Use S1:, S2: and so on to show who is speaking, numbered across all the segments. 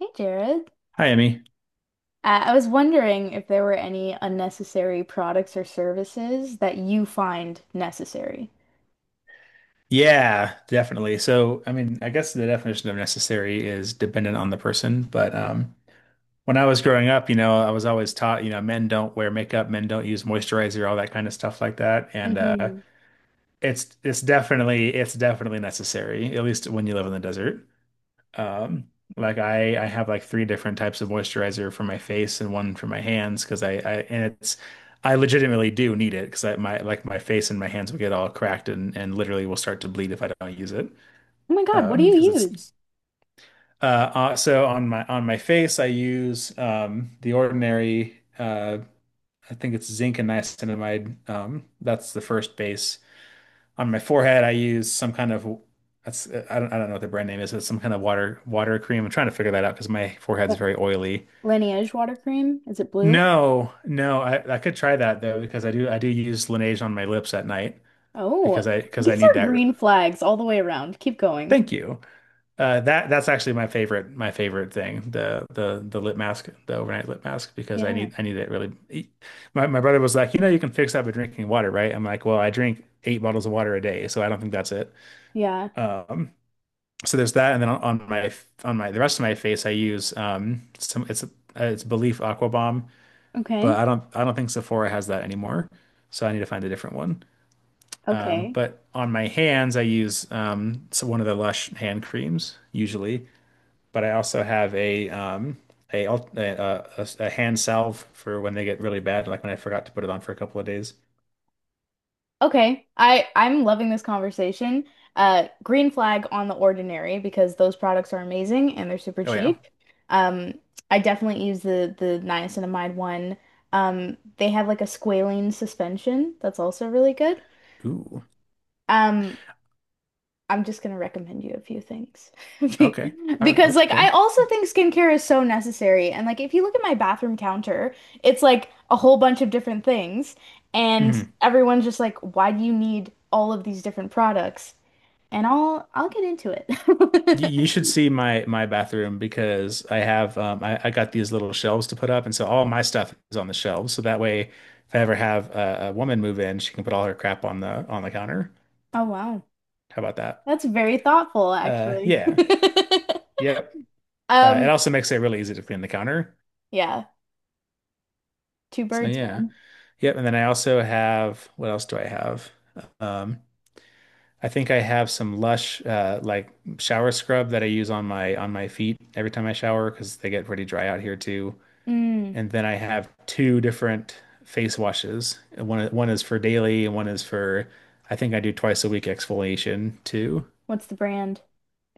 S1: Hey Jared.
S2: Hi, Emmy.
S1: I was wondering if there were any unnecessary products or services that you find necessary.
S2: Yeah, definitely. So, I mean, I guess the definition of necessary is dependent on the person. But when I was growing up, you know, I was always taught, you know, men don't wear makeup, men don't use moisturizer, all that kind of stuff like that. And uh,
S1: Hmm
S2: it's it's definitely it's definitely necessary, at least when you live in the desert. Um, I have like three different types of moisturizer for my face and one for my hands because I legitimately do need it because I my like my face and my hands will get all cracked and literally will start to bleed if I don't use it.
S1: Oh my God, what do
S2: Because
S1: you
S2: it's
S1: use?
S2: so on my face I use the ordinary, I think it's zinc and niacinamide. That's the first base. On my forehead, I use some kind of — that's, I don't know what the brand name is, but it's some kind of water cream. I'm trying to figure that out because my forehead's
S1: But
S2: very oily.
S1: Lineage water cream? Is it blue?
S2: No, no, I could try that though because I do use Laneige on my lips at night
S1: Oh,
S2: because I
S1: these
S2: need
S1: are
S2: that.
S1: green flags all the way around. Keep going.
S2: Thank you. That's actually my favorite thing, the lip mask, the overnight lip mask, because I
S1: Yeah.
S2: need I need it really. E, My brother was like, you know, you can fix that by drinking water, right? I'm like, well, I drink eight bottles of water a day, so I don't think that's it.
S1: Yeah.
S2: Um, so there's that, and then on my the rest of my face, I use some it's Belief Aqua Bomb, but
S1: Okay.
S2: I don't think Sephora has that anymore, so I need to find a different one. Um,
S1: Okay.
S2: but on my hands, I use so one of the Lush hand creams usually, but I also have a al- a hand salve for when they get really bad, like when I forgot to put it on for a couple of days.
S1: Okay, I'm loving this conversation. Green flag on The Ordinary because those products are amazing and they're super
S2: Oh yeah.
S1: cheap. Um, I definitely use the niacinamide one. They have like a squalene suspension that's also really good.
S2: Ooh.
S1: Um, I'm just gonna recommend you a few things. Be-
S2: Okay. All right.
S1: Because like I
S2: Okay.
S1: also think skincare is so necessary. And like if you look at my bathroom counter, it's like a whole bunch of different things. And
S2: Mhm.
S1: everyone's just like, why do you need all of these different products? And I'll get into
S2: You,
S1: it.
S2: you should see my bathroom because I have I got these little shelves to put up, and so all my stuff is on the shelves. So that way, if I ever have a woman move in, she can put all her crap on the counter.
S1: Oh wow.
S2: How about that?
S1: That's very thoughtful,
S2: Uh,
S1: actually.
S2: yeah, yep. It
S1: Um,
S2: also makes it really easy to clean the counter.
S1: yeah, two
S2: So
S1: birds,
S2: yeah,
S1: man.
S2: yep. And then I also have — what else do I have? Um, I think I have some Lush like shower scrub that I use on my feet every time I shower because they get pretty dry out here too.
S1: Mm,
S2: And then I have two different face washes. One is for daily and one is for — I think I do twice a week exfoliation too.
S1: what's the brand?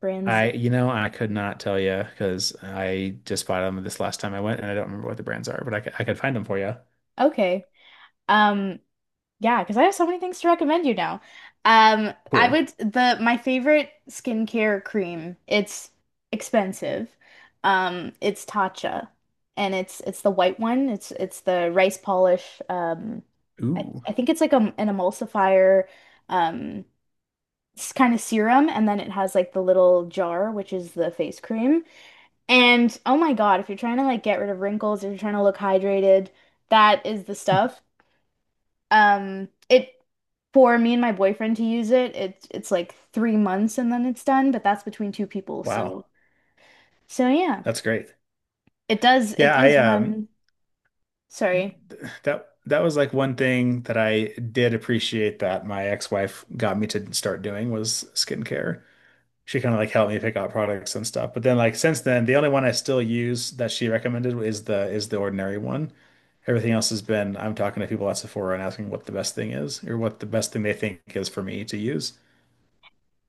S1: Brands.
S2: I, you know, I could not tell you because I just bought them this last time I went and I don't remember what the brands are, but I could find them for you.
S1: Okay. Um, yeah, because I have so many things to recommend you now. I
S2: Cool.
S1: would, the my favorite skincare cream. It's expensive. It's Tatcha, and it's the white one. It's the rice polish. I,
S2: Ooh,
S1: I think it's like a, an emulsifier, um, kind of serum, and then it has like the little jar, which is the face cream. And oh my God, if you're trying to like get rid of wrinkles, if you're trying to look hydrated, that is the stuff. It For me and my boyfriend to use it, it's like 3 months and then it's done, but that's between two people. So
S2: wow.
S1: so yeah.
S2: That's great.
S1: It does it
S2: Yeah, I
S1: does run, sorry.
S2: that was like one thing that I did appreciate that my ex-wife got me to start doing, was skincare. She kind of like helped me pick out products and stuff. But then like since then, the only one I still use that she recommended is the ordinary one. Everything else has been — I'm talking to people at Sephora and asking what the best thing is, or what the best thing they think is for me to use.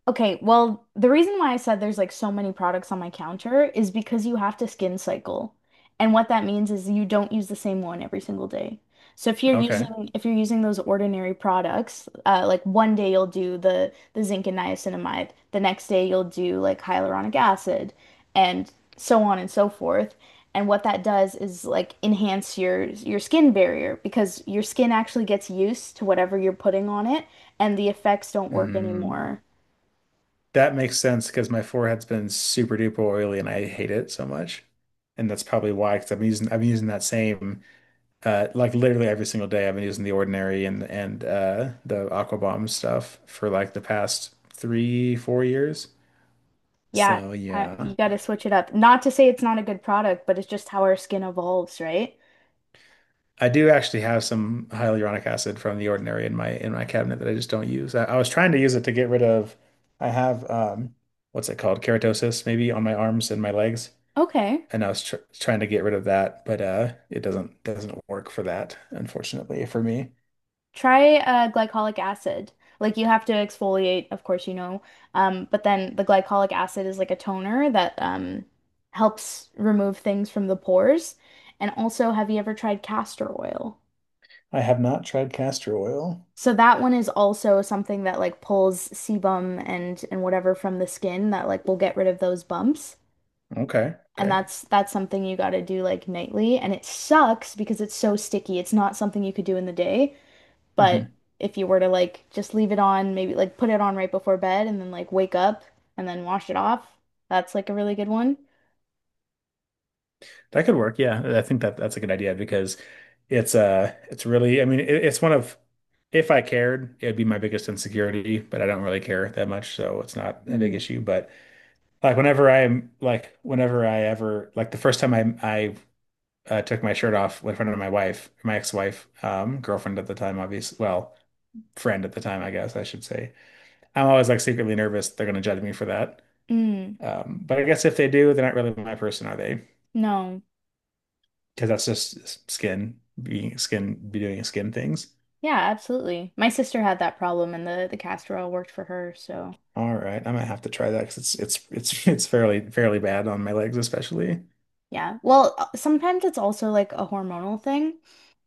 S1: Okay, well, the reason why I said there's like so many products on my counter is because you have to skin cycle. And what that means is you don't use the same one every single day. So
S2: Okay.
S1: if you're using those ordinary products, like 1 day you'll do the zinc and niacinamide, the next day you'll do like hyaluronic acid, and so on and so forth. And what that does is like enhance your skin barrier because your skin actually gets used to whatever you're putting on it, and the effects don't work
S2: Mm.
S1: anymore.
S2: That makes sense, because my forehead's been super duper oily and I hate it so much. And that's probably why, because I'm using that same like literally every single day. I've been using the ordinary and the Aqua Bomb stuff for like the past three, 4 years.
S1: Yeah,
S2: So
S1: you
S2: yeah,
S1: got to switch it up. Not to say it's not a good product, but it's just how our skin evolves, right?
S2: I do actually have some hyaluronic acid from The Ordinary in my cabinet that I just don't use. I was trying to use it to get rid of — I have what's it called? Keratosis, maybe, on my arms and my legs,
S1: Okay.
S2: and I was tr trying to get rid of that, but it doesn't work for that, unfortunately, for me.
S1: Try glycolic acid. Like you have to exfoliate, of course, you know. But then the glycolic acid is like a toner that helps remove things from the pores. And also, have you ever tried castor oil?
S2: I have not tried castor oil.
S1: So that one is also something that like pulls sebum and whatever from the skin that like will get rid of those bumps.
S2: Okay,
S1: And
S2: okay.
S1: that's something you got to do like nightly and it sucks because it's so sticky. It's not something you could do in the day, but
S2: Mhm.
S1: if you were to like just leave it on, maybe like put it on right before bed and then like wake up and then wash it off, that's like a really good one.
S2: That could work. Yeah, I think that that's a good idea because it's really — I mean, it, it's one of — if I cared, it'd be my biggest insecurity, but I don't really care that much, so it's not a big
S1: Mm.
S2: issue. But like whenever I ever like the first time I took my shirt off in front of my wife, my ex-wife, girlfriend at the time, obviously, well, friend at the time, I guess I should say, I'm always like secretly nervous they're gonna judge me for that.
S1: Mm.
S2: But I guess if they do, they're not really my person, are they?
S1: No.
S2: Because that's just skin being skin, be doing skin things.
S1: Yeah, absolutely. My sister had that problem and the castor oil worked for her, so
S2: All right, I might have to try that because it's it's fairly bad on my legs, especially.
S1: yeah. Well, sometimes it's also like a hormonal thing.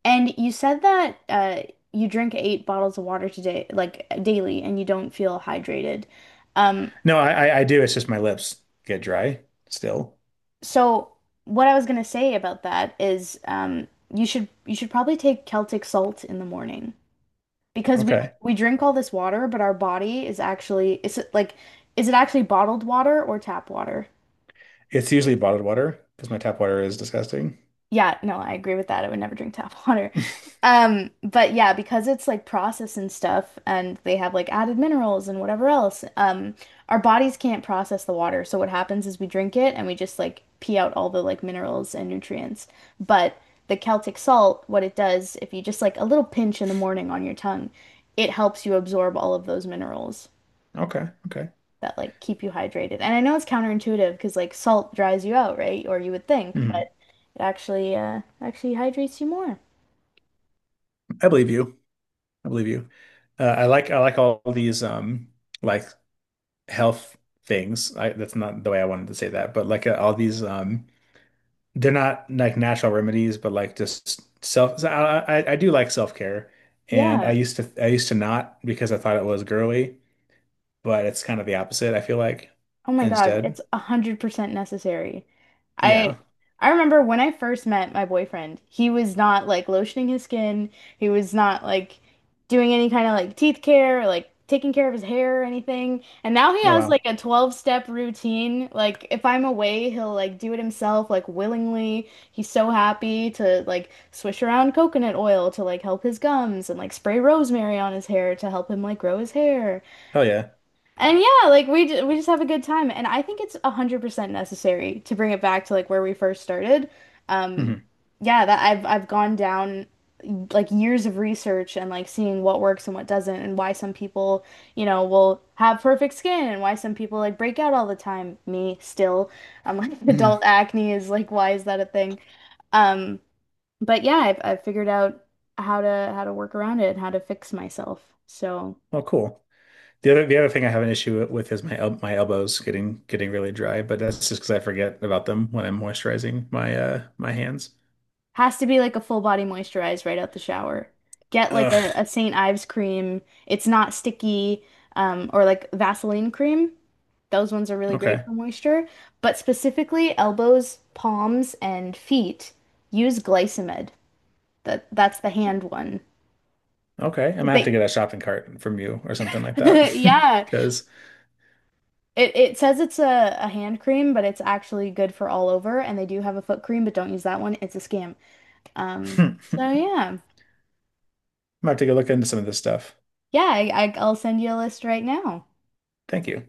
S1: And you said that you drink 8 bottles of water today, like daily, and you don't feel hydrated. Um,
S2: No, I do. It's just my lips get dry still.
S1: so what I was gonna say about that is you should probably take Celtic salt in the morning because we
S2: Okay,
S1: we drink all this water, but our body is actually, is it like, is it actually bottled water or tap water?
S2: it's usually bottled water because my tap water is disgusting.
S1: Yeah, no, I agree with that. I would never drink tap water. But yeah, because it's like processed and stuff, and they have like added minerals and whatever else, our bodies can't process the water. So what happens is we drink it and we just like pee out all the like minerals and nutrients. But the Celtic salt, what it does, if you just like a little pinch in the morning on your tongue, it helps you absorb all of those minerals
S2: Okay, okay.
S1: that like keep you hydrated. And I know it's counterintuitive because like salt dries you out, right? Or you would think,
S2: Mhm.
S1: but it actually actually hydrates you more.
S2: I believe you. I believe you. I like all these like health things. I That's not the way I wanted to say that, but like all these they're not like natural remedies, but like just self. So I do like self-care, and I
S1: Yeah.
S2: used to I used to not, because I thought it was girly, but it's kind of the opposite. I feel like
S1: Oh my God,
S2: instead,
S1: it's 100% necessary. I
S2: yeah.
S1: I remember when I first met my boyfriend, he was not like lotioning his skin. He was not like doing any kind of like teeth care or like taking care of his hair or anything. And now he
S2: Oh
S1: has like
S2: wow,
S1: a 12-step routine. Like if I'm away, he'll like do it himself like willingly. He's so happy to like swish around coconut oil to like help his gums and like spray rosemary on his hair to help him like grow his hair.
S2: hell yeah.
S1: And yeah, like we just have a good time, and I think it's 100% necessary to bring it back to like where we first started. Um,
S2: Hmm.
S1: yeah, that I've gone down like years of research and like seeing what works and what doesn't, and why some people, you know, will have perfect skin and why some people like break out all the time. Me still, I'm like adult
S2: Hmm.
S1: acne is like why is that a thing? Um, but yeah, I've figured out how to work around it and how to fix myself. So.
S2: Well, cool. The other thing I have an issue with is my el my elbows getting really dry, but that's just because I forget about them when I'm moisturizing my my hands.
S1: Has to be like a full body moisturize right out the shower. Get like a
S2: Ugh.
S1: St. Ives cream. It's not sticky, or like Vaseline cream. Those ones are really great for
S2: Okay.
S1: moisture. But specifically, elbows, palms, and feet, use Glycimed. That's the hand one.
S2: Okay. I'm gonna have to
S1: They,
S2: get a shopping cart from you or something like that
S1: yeah.
S2: because.
S1: It says it's a hand cream, but it's actually good for all over. And they do have a foot cream, but don't use that one. It's a scam. So yeah.
S2: I'm gonna take a look into some of this stuff.
S1: Yeah, I'll send you a list right now.
S2: Thank you.